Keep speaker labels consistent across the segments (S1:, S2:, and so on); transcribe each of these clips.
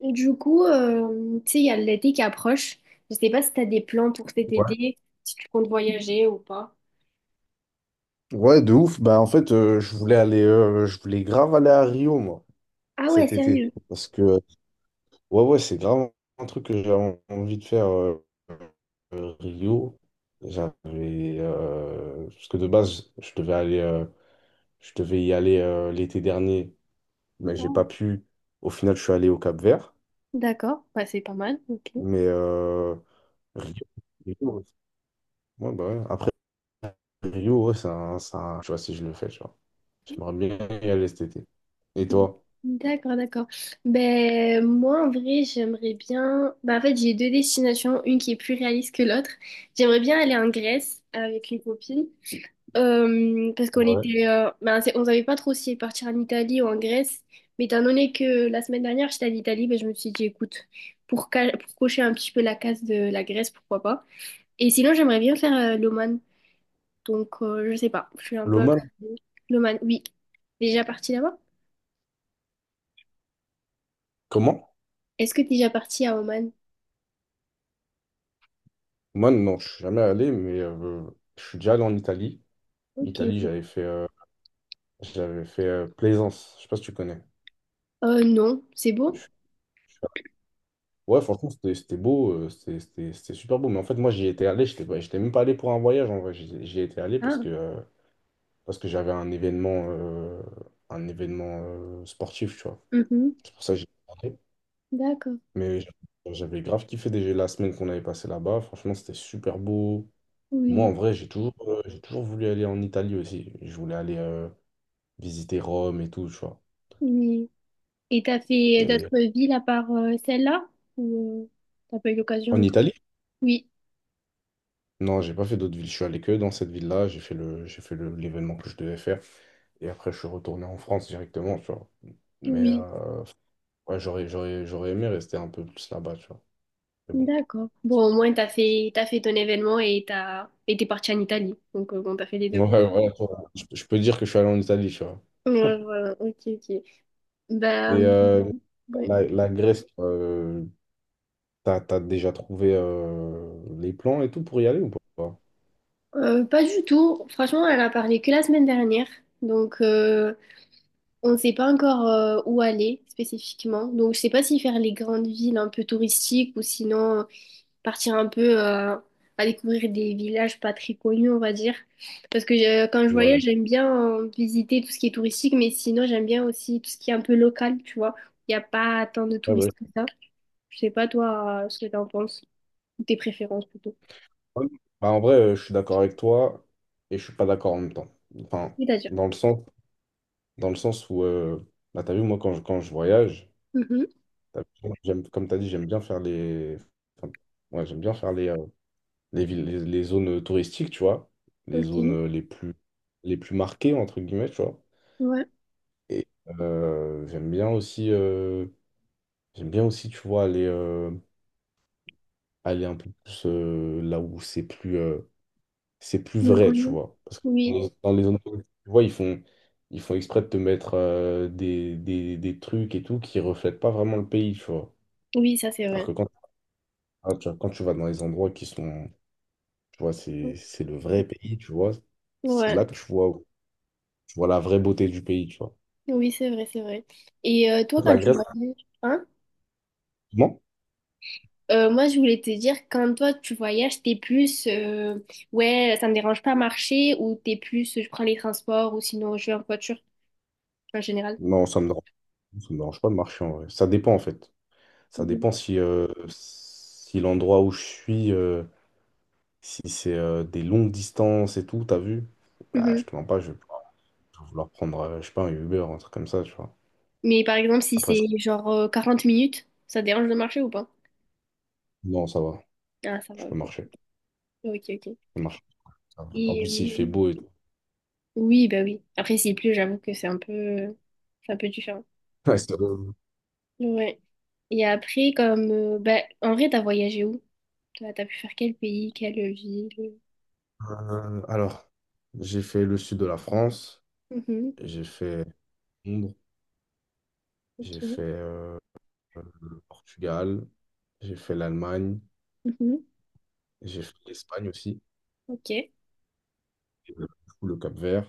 S1: Et du coup, tu sais, il y a l'été qui approche. Je sais pas si tu as des plans pour cet
S2: Ouais.
S1: été, si tu comptes voyager ou pas.
S2: Ouais, de ouf. Bah, en fait, je voulais grave aller à Rio, moi,
S1: Ah ouais,
S2: cet été.
S1: sérieux.
S2: Parce que, ouais, ouais, c'est grave un truc que j'avais envie de faire Rio. Parce que de base, je devais y aller l'été dernier, mais
S1: Ah,
S2: j'ai
S1: ouais.
S2: pas pu. Au final, je suis allé au Cap-Vert.
S1: D'accord, bah, c'est pas mal, ok.
S2: Mais Rio, Rio, ouais. Ouais, bah ouais. Après, Rio, ouais, je sais pas si je le fais, tu vois. J'aimerais bien y aller cet été. Et toi?
S1: D'accord, d'accord. Ben, moi, en vrai, j'aimerais bien... Ben, en fait, j'ai deux destinations, une qui est plus réaliste que l'autre. J'aimerais bien aller en Grèce avec une copine. Parce qu'on était, ben, on savait pas trop si partir en Italie ou en Grèce, mais étant donné que la semaine dernière j'étais en Italie, ben, je me suis dit écoute, pour cocher un petit peu la case de la Grèce, pourquoi pas. Et sinon j'aimerais bien faire l'Oman, donc je sais pas, je suis un peu
S2: L'Oman,
S1: l'Oman, oui. Déjà parti là-bas?
S2: comment?
S1: Est-ce que t'es déjà parti à Oman?
S2: Oman, non, je suis jamais allé, mais je suis déjà allé en Italie.
S1: Ok.
S2: Italie, j'avais fait Plaisance. Je sais pas si tu connais.
S1: Non, c'est beau.
S2: Je suis allé- Ouais, franchement, c'était beau, c'était super beau. Mais en fait, moi, j'y étais allé, j'étais même pas allé pour un voyage en vrai. J'y étais allé parce
S1: Ah,
S2: que, euh, parce que j'avais un événement sportif, tu vois.
S1: mhm.
S2: C'est pour ça que j'y étais allé.
S1: D'accord.
S2: Mais j'avais grave kiffé déjà la semaine qu'on avait passée là-bas. Franchement, c'était super beau. Moi,
S1: Oui,
S2: en vrai, j'ai toujours voulu aller en Italie aussi. Je voulais aller visiter Rome et tout, tu vois.
S1: oui. Et t'as fait
S2: Et
S1: d'autres villes à part celle-là? Ou t'as pas eu
S2: en
S1: l'occasion?
S2: Italie?
S1: Oui,
S2: Non, j'ai pas fait d'autres villes. Je suis allé que dans cette ville-là. J'ai fait l'événement que je devais faire. Et après, je suis retourné en France directement, tu vois. Mais
S1: oui,
S2: ouais, j'aurais aimé rester un peu plus là-bas, tu vois. Mais bon.
S1: d'accord. Bon, au moins, t'as fait ton événement et et t'es parti en Italie. Donc, bon, t'as fait les deux, quoi.
S2: Ouais, voilà, je peux dire que je suis allé en Italie, tu vois.
S1: Ouais, voilà, ok, ok.
S2: Et
S1: Ben, ouais.
S2: la Grèce, t'as déjà trouvé les plans et tout pour y aller ou pas?
S1: Pas du tout. Franchement, elle a parlé que la semaine dernière. Donc, on ne sait pas encore où aller spécifiquement. Donc, je sais pas si faire les grandes villes un peu touristiques ou sinon partir un peu à découvrir des villages pas très connus, on va dire. Parce que quand je
S2: Ouais.
S1: voyage, j'aime bien visiter tout ce qui est touristique, mais sinon, j'aime bien aussi tout ce qui est un peu local, tu vois. Il n'y a pas tant de
S2: Ouais, bah,
S1: touristes que ça. Je sais pas, toi, ce que t'en penses, ou tes préférences plutôt.
S2: ouais. Bah, en vrai, je suis d'accord avec toi et je suis pas d'accord en même temps. Enfin,
S1: C'est-à-dire.
S2: dans le sens, dans le sens où, bah, t'as vu, moi, quand je voyage,
S1: Mhm.
S2: t'as vu, j'aime, comme t'as dit, j'aime bien faire les, enfin, ouais, j'aime bien faire les villes, les zones touristiques, tu vois, les zones
S1: Ok.
S2: les plus marquées, entre guillemets, tu vois.
S1: Ouais.
S2: Et euh, j'aime bien aussi, euh, j'aime bien aussi, tu vois, aller un peu plus là où c'est plus
S1: Donc, on
S2: vrai, tu
S1: y-
S2: vois. Parce que dans
S1: Oui,
S2: les dans les entreprises, tu vois, ils font exprès de te mettre des trucs et tout qui reflètent pas vraiment le pays, tu vois.
S1: oui, ça c'est
S2: Alors
S1: vrai.
S2: que ah, tu vois, quand tu vas dans les endroits qui sont, tu vois,
S1: Mhm.
S2: c'est le vrai pays, tu vois, c'est là
S1: Ouais.
S2: que tu vois la vraie beauté du pays, tu vois.
S1: Oui, c'est vrai, c'est vrai. Et toi, quand
S2: La
S1: tu
S2: Grèce,
S1: voyages, hein?
S2: non,
S1: Moi, je voulais te dire, quand toi tu voyages, t'es plus ouais, ça me dérange pas marcher ou t'es plus je prends les transports ou sinon je vais en voiture en général.
S2: non, ça me dérange pas de marcher en vrai. Ça dépend, en fait. Ça
S1: Mhm.
S2: dépend si l'endroit où je suis, si c'est des longues distances et tout, t'as vu? Bah, je
S1: Mhm.
S2: te mens pas. Je Faut vouloir prendre, je sais pas, un Uber, un truc comme ça, tu vois.
S1: Mais par exemple, si
S2: Après,
S1: c'est genre 40 minutes, ça te dérange de marcher ou pas?
S2: non, ça va.
S1: Ah, ça va,
S2: Je peux
S1: ok.
S2: marcher. Je
S1: Ok, ok.
S2: peux marcher. Ça va. En
S1: Et,
S2: plus, il fait beau et tout.
S1: oui, bah oui. Après, s'il pleut, j'avoue que c'est un peu différent.
S2: Ouais,
S1: Ouais. Et après, comme bah, en vrai, t'as voyagé où? T'as pu faire quel pays, quelle ville?
S2: alors, j'ai fait le sud de la France,
S1: Mhm.
S2: j'ai fait Londres, j'ai
S1: Ok.
S2: fait le Portugal, j'ai fait l'Allemagne,
S1: Mhm.
S2: j'ai fait l'Espagne aussi,
S1: Ok.
S2: et, du coup, le Cap-Vert,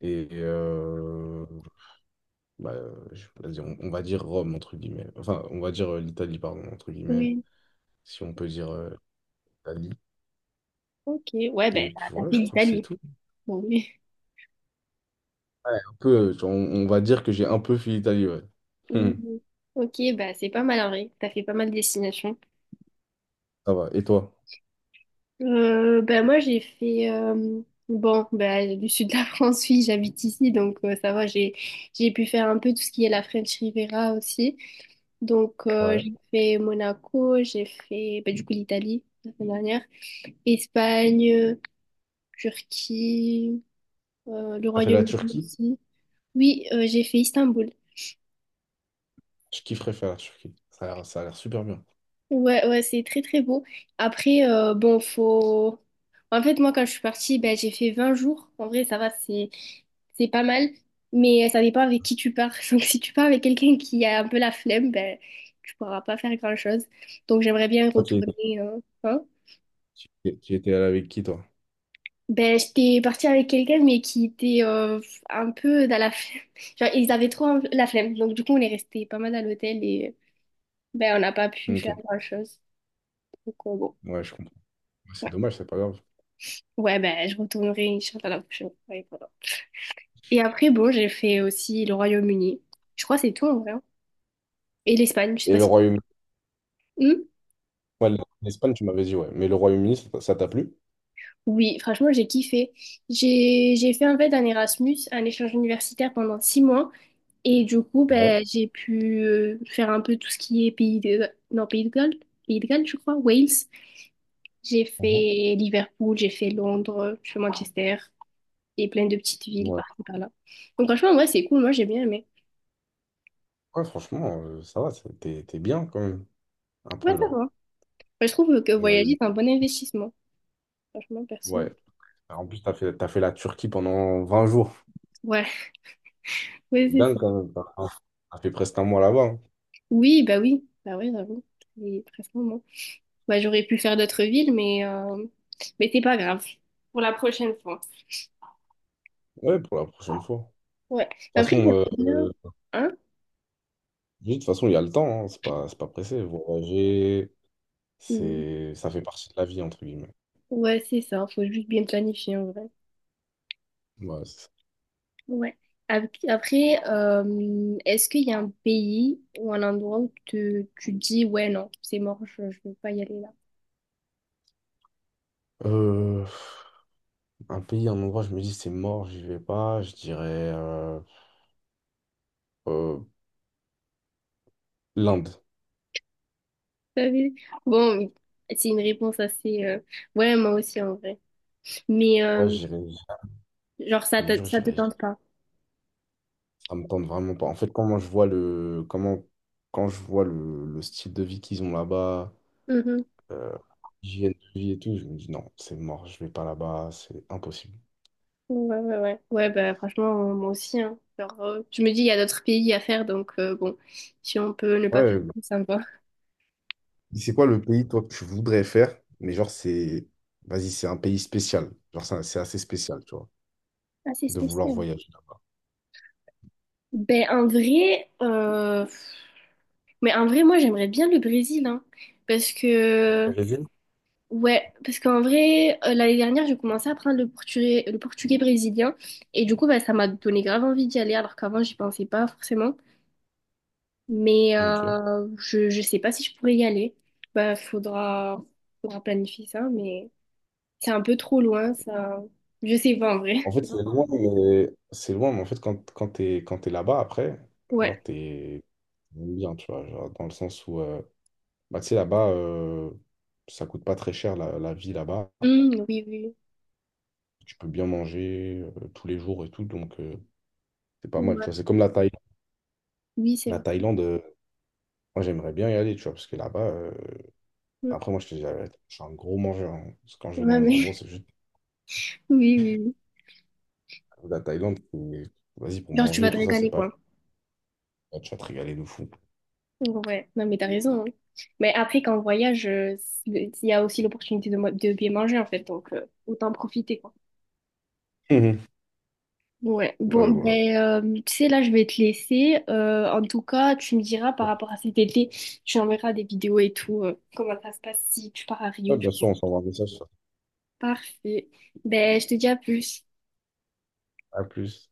S2: et bah, vas-y, on va dire Rome, entre guillemets. Enfin, on va dire l'Italie, pardon, entre guillemets,
S1: Oui,
S2: si on peut dire l'Italie.
S1: ok. Ouais,
S2: Et
S1: ben,
S2: puis
S1: t'as
S2: voilà,
S1: fait
S2: je crois que c'est
S1: l'Italie.
S2: tout.
S1: Bon, oui.
S2: Ouais, un peu, on va dire que j'ai un peu fui l'Italie, ouais. Hum,
S1: Mhm. Ok, bah c'est pas mal en vrai. T'as fait pas mal de destinations.
S2: ça va. Et toi?
S1: Euh, ben, moi, j'ai fait... euh, Bon, ben, du sud de la France, oui, j'habite ici, donc ça va, j'ai pu faire un peu tout ce qui est la French Riviera aussi. Donc,
S2: Ouais.
S1: j'ai fait Monaco, j'ai fait ben, du coup l'Italie la semaine dernière, Espagne, Turquie, le
S2: T'as fait la
S1: Royaume-Uni
S2: Turquie?
S1: aussi. Oui, j'ai fait Istanbul.
S2: Je kifferais faire la Turquie. Ça a l'air super bien.
S1: Ouais, ouais, c'est très très beau. Après, bon, faut. En fait, moi, quand je suis partie, ben, j'ai fait 20 jours. En vrai, ça va, c'est pas mal. Mais ça dépend avec qui tu pars. Donc, si tu pars avec quelqu'un qui a un peu la flemme, ben, tu pourras pas faire grand-chose. Donc, j'aimerais bien
S2: Toi, tu
S1: retourner.
S2: étais,
S1: Hein.
S2: tu étais allé avec qui, toi?
S1: Ben, j'étais partie avec quelqu'un, mais qui était un peu dans la flemme. Genre, ils avaient trop la flemme. Donc, du coup, on est resté pas mal à l'hôtel et ben, on n'a pas pu
S2: Ok.
S1: faire grand-chose. Donc, bon.
S2: Ouais, je comprends. Ouais, c'est dommage, c'est pas grave.
S1: Ouais, ben, je retournerai, Inch'Allah, la prochaine fois. Et voilà. Et après, bon, j'ai fait aussi le Royaume-Uni. Je crois que c'est tout, en vrai. Hein. Et l'Espagne, je sais
S2: Et
S1: pas
S2: le
S1: si...
S2: Royaume-Uni?
S1: Hmm.
S2: Ouais, l'Espagne, tu m'avais dit, ouais. Mais le Royaume-Uni, ça t'a plu?
S1: Oui, franchement, j'ai kiffé. J'ai fait, en fait, un Erasmus, un échange universitaire pendant 6 mois. Et du coup,
S2: Ouais.
S1: ben, j'ai pu faire un peu tout ce qui est pays de... Non, pays de Galles. Pays de Galles, je crois. Wales. J'ai
S2: Mhm.
S1: fait Liverpool, j'ai fait Londres, j'ai fait Manchester. Et plein de petites villes
S2: Ouais.
S1: par là. Donc, franchement, ouais, c'est cool. Moi, j'ai bien aimé.
S2: Ouais, franchement, ça va. T'es bien, quand même. Un
S1: Ouais,
S2: peu,
S1: ça va.
S2: là.
S1: Moi, je trouve que voyager,
S2: Ouais.
S1: c'est un bon investissement. Franchement, perso.
S2: Ouais. En plus, t'as fait la Turquie pendant 20 jours.
S1: Ouais, ouais, c'est
S2: Dingue, quand
S1: ça.
S2: même. T'as fait presque un mois là-bas. Hein.
S1: Oui, bah oui. Bah oui, j'avoue. C'est très moment. Bah, j'aurais pu faire d'autres villes, mais c'est pas grave. Pour la prochaine fois.
S2: Ouais, pour la prochaine fois.
S1: Ouais.
S2: toute
S1: Après, j'aimerais
S2: façon,
S1: bien.
S2: euh,
S1: Hein?
S2: de toute façon, il y a le temps, hein. C'est pas pressé. Voyager,
S1: Mm.
S2: ça fait partie de la vie, entre guillemets.
S1: Ouais, c'est ça. Faut juste bien planifier, en vrai.
S2: Ouais, c'est ça.
S1: Ouais. Après, est-ce qu'il y a un pays ou un endroit où tu dis, ouais, non, c'est mort, je veux pas y aller là?
S2: Euh, un pays, un endroit, je me dis c'est mort, j'y vais pas. Je dirais euh, l'Inde.
S1: Salut. Bon, c'est une réponse assez... ouais, moi aussi en vrai. Mais
S2: Ouais, j'irai, je
S1: genre,
S2: te jure,
S1: ça te
S2: j'irai.
S1: tente pas.
S2: Ça me tente vraiment pas. En fait, comment je vois le, comment, quand je vois le style de vie qu'ils ont là-bas,
S1: Mhm.
S2: euh, l'hygiène de vie et tout, je me dis non, c'est mort, je vais pas là-bas, c'est impossible.
S1: Ouais, ouais, ouais. Ouais, bah franchement, moi aussi. Hein. Genre, je me dis, il y a d'autres pays à faire, donc bon, si on peut ne pas faire
S2: Ouais,
S1: tout, ça me va.
S2: c'est quoi le pays, toi, que tu voudrais faire? Mais genre, vas-y, c'est un pays spécial. Genre, c'est assez spécial, tu vois,
S1: Assez
S2: de vouloir
S1: spécial.
S2: voyager là-bas.
S1: Ben, en vrai, moi, j'aimerais bien le Brésil, hein, parce que ouais, parce qu'en vrai, l'année dernière, j'ai commencé à apprendre le portugais brésilien et du coup, bah, ça m'a donné grave envie d'y aller alors qu'avant, j'y pensais pas forcément. Mais
S2: Ok.
S1: je sais pas si je pourrais y aller. Bah, faudra, faudra planifier ça, mais c'est un peu trop loin, ça. Je sais pas en vrai.
S2: En fait, c'est loin, mais en fait, quand t'es là-bas, après,
S1: Ouais.
S2: genre, t'es bien, tu vois, genre, dans le sens où. Bah, tu sais, là-bas, ça coûte pas très cher, la vie là-bas.
S1: Oui, oui.
S2: Tu peux bien manger tous les jours et tout, donc c'est pas mal, tu
S1: Ouais.
S2: vois. C'est comme la Thaïlande.
S1: Oui, c'est
S2: La
S1: vrai.
S2: Thaïlande, moi, j'aimerais bien y aller, tu vois, parce que là-bas.
S1: Hum,
S2: Après, moi, je te dis, la vérité, je suis un gros mangeur. Hein. Parce que quand je vais
S1: Ouais,
S2: dans les endroits,
S1: mais
S2: c'est juste
S1: oui, oui, oui.
S2: la Thaïlande. Vas-y, pour
S1: Genre, tu vas
S2: manger,
S1: te
S2: tout ça, c'est
S1: régaler,
S2: pas...
S1: quoi.
S2: tu vas te régaler de fou.
S1: Ouais, non mais t'as raison. Hein. Mais après, quand on voyage, il y a aussi l'opportunité de, de bien manger en fait, donc autant en profiter quoi.
S2: Mhm.
S1: Ouais,
S2: Ouais,
S1: bon,
S2: voilà.
S1: ben, tu sais, là, je vais te laisser. En tout cas, tu me diras par rapport à cet été, tu enverras des vidéos et tout, comment ça se passe si tu pars à
S2: Ouais,
S1: Rio, du
S2: bien
S1: coup.
S2: sûr, on s'envoie un message.
S1: Parfait. Ben, je te dis à plus.
S2: À plus.